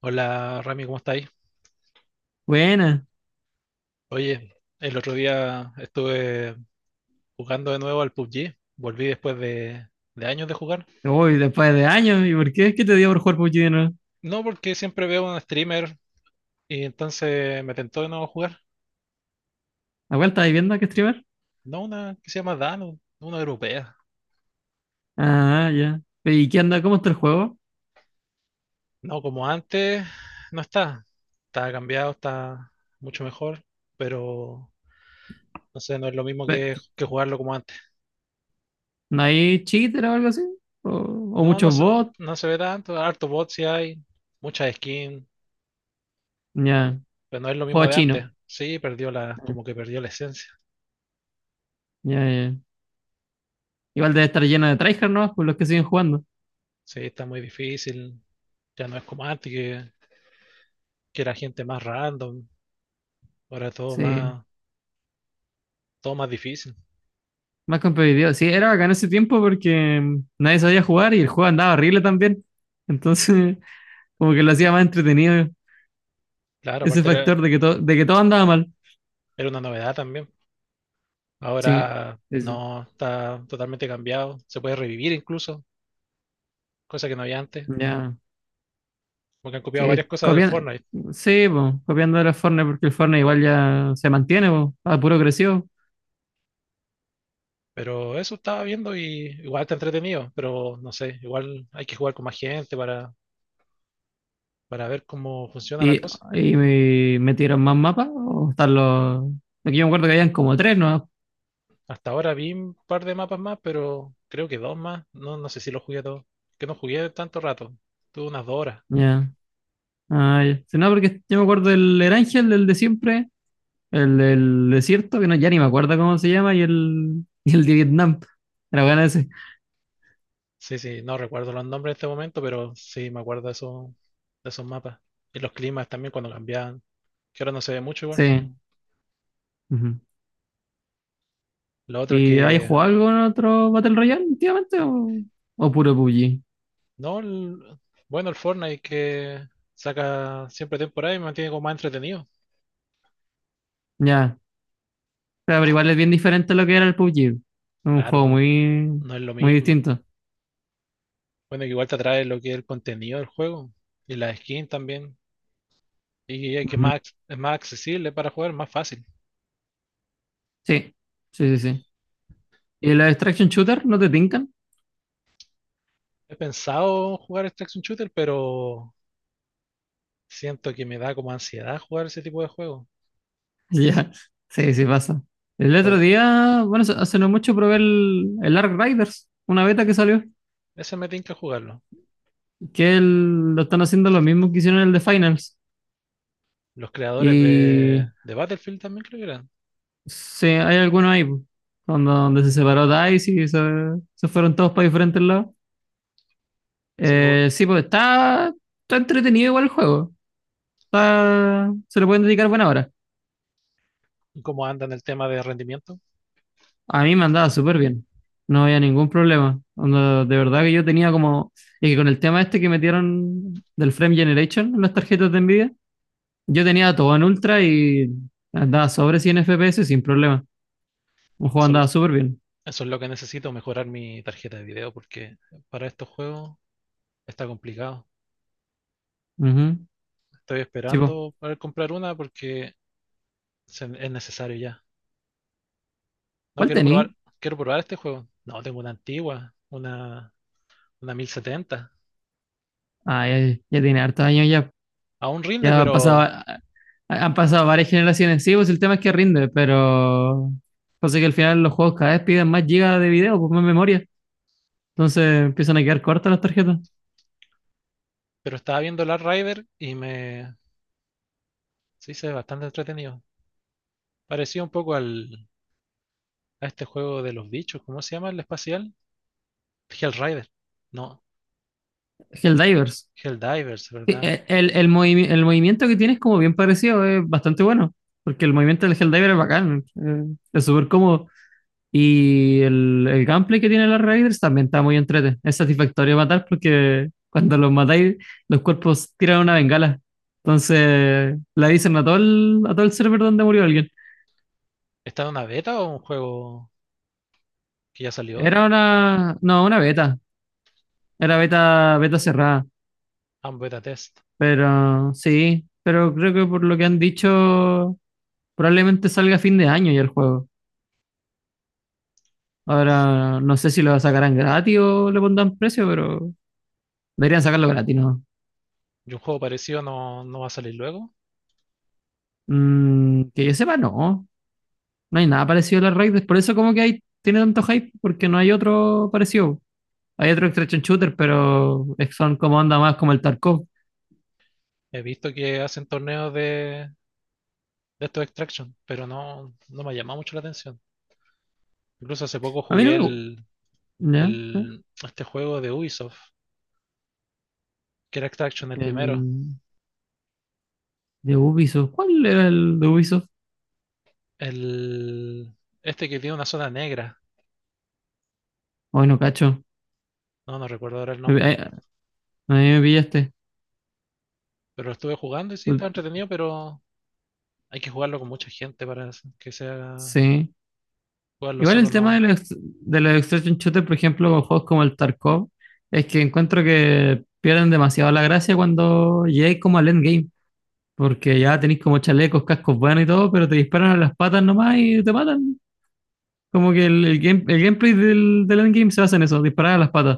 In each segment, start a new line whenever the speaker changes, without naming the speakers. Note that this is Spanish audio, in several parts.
Hola Rami, ¿cómo estáis?
Buena.
Oye, el otro día estuve jugando de nuevo al PUBG. Volví después de años de jugar.
Uy, después de años. ¿Y por qué? ¿Qué te dio por jugar PUBG de nuevo?
No porque siempre veo un streamer y entonces me tentó de nuevo jugar.
¿La cual estás viendo que streamer?
No una que se llama Dan, una europea.
Ah, ya. ¿Y qué anda? ¿Cómo está el juego?
No, como antes, no está. Está cambiado, está mucho mejor, pero no sé, no es lo mismo que,
Ve-
que jugarlo como antes.
¿No hay cheater o algo así? ¿O
No, no
muchos
se,
bots?
no se ve tanto. Harto bots sí hay, muchas skins.
Ya.
Pero no es lo
Juego
mismo de
chino.
antes. Sí, como que perdió la esencia.
Ya, ya. Igual debe estar lleno de tryhard, ¿no? Por los que siguen jugando.
Sí, está muy difícil. Ya no es como antes, que era gente más random. Ahora todo
Sí.
más, todo más difícil.
Más competitivo. Sí, era bacán ese tiempo porque nadie sabía jugar y el juego andaba horrible también. Entonces, como que lo hacía más entretenido
Claro,
ese
aparte era,
factor de que todo andaba mal.
era una novedad también.
Sí.
Ahora
Sí, sí.
no, está totalmente cambiado. Se puede revivir incluso, cosa que no había antes.
Ya.
Porque han copiado varias
Sí,
cosas del
copiando,
Fortnite.
sí, po, copiando de los Fortnite, porque el Fortnite igual ya se mantiene, po, a puro creció.
Pero eso estaba viendo y igual está entretenido. Pero no sé, igual hay que jugar con más gente para ver cómo funciona la
Y,
cosa.
y me metieron más mapas, o están los. Aquí yo me acuerdo que habían como tres, ¿no?
Hasta ahora vi un par de mapas más, pero creo que dos más. No, no sé si los jugué todos. Que no jugué tanto rato. Tuve unas 2 horas.
Ya. Ah, ya. Sí, no, porque yo me acuerdo del Erangel, el de siempre, el del desierto, que no, ya ni me acuerdo cómo se llama, y el, y el de Vietnam. Era bueno ese.
Sí, sí, no recuerdo los nombres en este momento, pero sí me acuerdo de esos mapas. Y los climas también cuando cambiaban, que ahora no se ve mucho igual.
Sí. Ujú.
Lo otro
¿Y hay
que,
jugado algo en otro Battle Royale últimamente o puro PUBG?
no, bueno, el Fortnite que saca siempre temporada y me mantiene como más entretenido.
Ya. Claro, pero igual es bien diferente a lo que era el PUBG. Es un
Claro,
juego
pues, no es lo
muy
mismo.
distinto.
Bueno, que igual te atrae lo que es el contenido del juego y las skins también. Y es que
Ujú.
más, es más accesible para jugar, más fácil.
Sí, sí, sí, sí. ¿Y los extraction shooter no te tincan?
He pensado jugar este Extraction Shooter, pero siento que me da como ansiedad jugar ese tipo de juegos.
Ya, sí, sí pasa. El otro
Porque
día, bueno, hace no mucho probé el Ark Riders, una beta que salió,
ese me tinca jugarlo.
lo están haciendo lo mismo que hicieron el de Finals.
Los creadores de,
Y
de Battlefield también creo que eran.
sí, hay algunos ahí, po, donde se separó DICE y se fueron todos para diferentes lados.
Se me, gu-
Sí, pues está entretenido igual el juego. Se le pueden dedicar buena hora.
¿Cómo andan el tema de rendimiento?
A mí me andaba súper bien, no había ningún problema. Onda, de verdad que yo tenía como, y que con el tema este que metieron del Frame Generation en las tarjetas de Nvidia, yo tenía todo en ultra y andaba sobre 100 FPS sin problema. Un juego
Eso,
andaba súper bien.
eso es lo que necesito, mejorar mi tarjeta de video, porque para estos juegos está complicado.
Ujú.
Estoy
Sí, po.
esperando poder comprar una porque es necesario ya. No
¿Cuál
quiero probar,
tení?
quiero probar este juego. No, tengo una antigua, una 70.
Ah, ya, ya tiene hartos años ya.
Aún rinde,
Ya han pasado,
pero,
han pasado varias generaciones. Sí, pues el tema es que rinde, pero... Pasa que al final los juegos cada vez piden más gigas de video, pues más memoria. Entonces empiezan a quedar cortas las tarjetas.
pero estaba viendo Last Rider y me se hizo bastante entretenido. Parecía un poco a este juego de los bichos, ¿cómo se llama el espacial? Hellrider. No,
Helldivers.
Helldivers,
Sí,
¿verdad?
el movimiento que tiene es como bien parecido, es bastante bueno. Porque el movimiento del Helldiver es bacán, es súper cómodo. Y el gameplay que tiene los Raiders también está muy entrete. Es satisfactorio matar porque cuando los matáis, los cuerpos tiran una bengala. Entonces la dicen a a todo el server donde murió alguien.
¿Está en una beta o un juego que ya salió?
Era una, no, una beta. Era beta cerrada.
Ah, un beta test.
Pero sí, pero creo que por lo que han dicho, probablemente salga a fin de año ya el juego. Ahora, no sé si lo sacarán gratis o le pondrán precio, pero deberían sacarlo gratis, ¿no?
Y un juego parecido no, no va a salir luego.
Mm, que yo sepa, no. No hay nada parecido a las Raiders. Por eso como que hay, tiene tanto hype, porque no hay otro parecido. Hay otro extraction shooter, pero son como anda más como el Tarkov.
He visto que hacen torneos de estos Extraction, pero no, no me ha llamado mucho la atención. Incluso hace poco
A mí no
jugué
me gusta. ¿Ya? ¿Ya?
este juego de Ubisoft, que era Extraction el
El
primero.
de Ubisoft. ¿Cuál era el de Ubisoft?
El, este que tiene una zona negra.
Ay, no cacho.
No, no recuerdo ahora el nombre.
A a mí me pillaste.
Pero lo estuve jugando y sí, estaba entretenido, pero hay que jugarlo con mucha gente para que sea.
Sí.
Jugarlo
Igual
solo
el tema de
no,
de los extraction shooters, por ejemplo, con juegos como el Tarkov, es que encuentro que pierden demasiado la gracia cuando llegáis como al endgame, porque ya tenéis como chalecos, cascos buenos y todo, pero te disparan a las patas nomás y te matan. Como que el gameplay del endgame se basa en eso, disparar a las patas.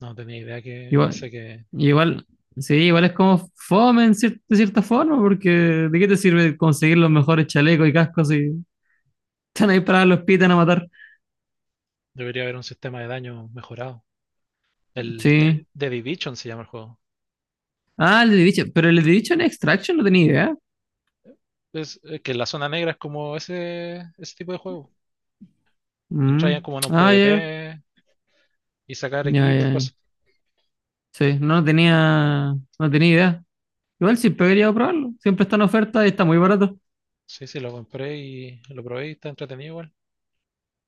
no tenía idea que. Yo
Igual,
pensé que
igual, sí, igual es como fome en de cierta forma, porque ¿de qué te sirve conseguir los mejores chalecos y cascos si están ahí para los pitan a matar?
debería haber un sistema de daño mejorado. El
Sí.
The Division se llama el juego.
Ah, el de Division. Pero el de Division Extraction no tenía idea.
Es que la zona negra es como ese tipo de juego. Entrar ya
Mm.
como en un
Ah,
PvP y sacar equipo y
ya.
cosas.
Sí, no tenía idea. Igual siempre he querido probarlo. Siempre está en oferta y está muy barato.
Sí, sí, lo compré y lo probé y está entretenido igual.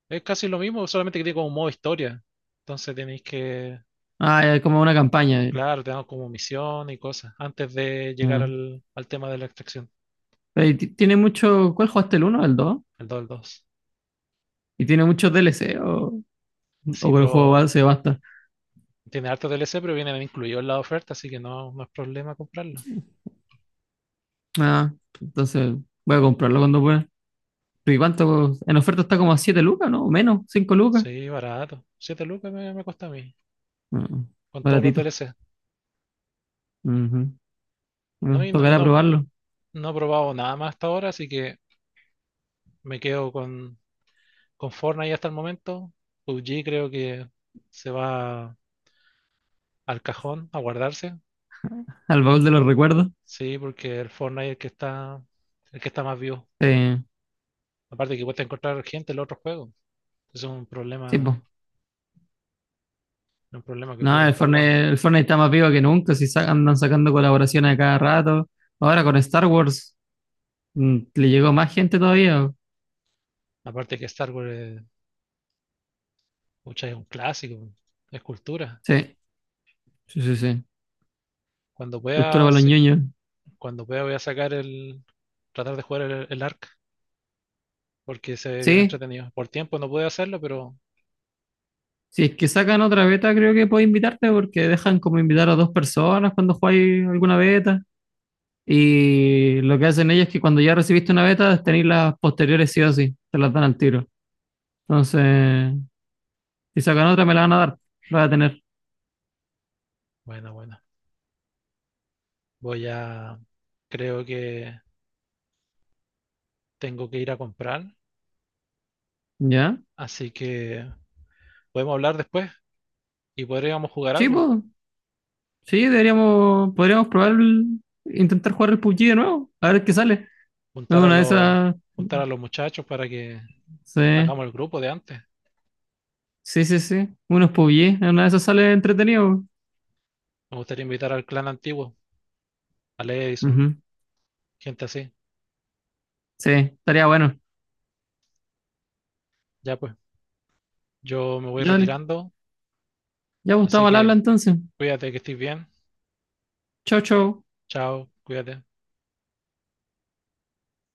Es casi lo mismo, solamente que tiene como un modo historia. Entonces tenéis que.
Ah, ya, es como una campaña. Eh.
Claro, te dan como misión y cosas antes de llegar
Ah.
al tema de la extracción,
Pero y tiene mucho. ¿Cuál jugaste el 1, o el 2?
el 2 al 2.
¿Y tiene muchos DLC o
Sí,
con el juego
pero
base basta?
tiene harto DLC, pero vienen incluidos en la oferta, así que no, no es problema comprarlo.
Ah, entonces voy a comprarlo cuando pueda. ¿Pero y cuánto? En oferta está como a 7 lucas, ¿no? O menos, 5 lucas.
Sí, barato. 7 lucas me cuesta a mí,
Ah,
con todos los
baratito.
DLC.
Ujú.
No,
Bueno, tocará probarlo.
no he probado nada más hasta ahora, así que me quedo con Fortnite hasta el momento. PUBG creo que se va al cajón a guardarse.
Al baúl de los recuerdos.
Sí, porque el Fortnite es el que está más vivo.
Eh,
Aparte que cuesta encontrar gente en los otros juegos. Es
Sí, pues.
un problema que
No,
ocurre en todos lados.
El Fortnite está más vivo que nunca, si andan sacando colaboraciones a cada rato. Ahora con Star Wars le llegó más gente todavía.
Aparte que Star Wars pucha, es un clásico, es cultura.
Sí, sí, sí, sí.
Cuando
Cultura
pueda,
para los
sí,
ñoños.
cuando pueda voy a tratar de jugar el Ark, porque se ve bien
Sí,
entretenido. Por tiempo no puedo hacerlo, pero
si es que sacan otra beta, creo que puedo invitarte porque dejan como invitar a dos personas cuando jugáis alguna beta. Y lo que hacen ellos es que cuando ya recibiste una beta, tenéis las posteriores sí o sí, te las dan al tiro. Entonces, si sacan otra, me la van a dar, la voy a tener.
bueno, bueno. Voy a, Creo que tengo que ir a comprar,
¿Ya?
así que podemos hablar después y podríamos jugar
Sí,
algo.
pues. Sí, deberíamos, podríamos probar, intentar jugar el PUBG de nuevo, a ver qué sale. En
Juntar a
una de
los,
esas,
juntar a los muchachos para que
sí,
hagamos el grupo de antes.
sí, sí, sí, unos PUBG, en una de esas sale entretenido.
Me gustaría invitar al clan antiguo, a Edison,
Ujú,
gente así.
sí, estaría bueno.
Ya pues. Yo me voy
Ya, dale.
retirando,
Ya
así
Gustavo, al habla
que
entonces.
cuídate que estés bien.
Chau, chau.
Chao, cuídate.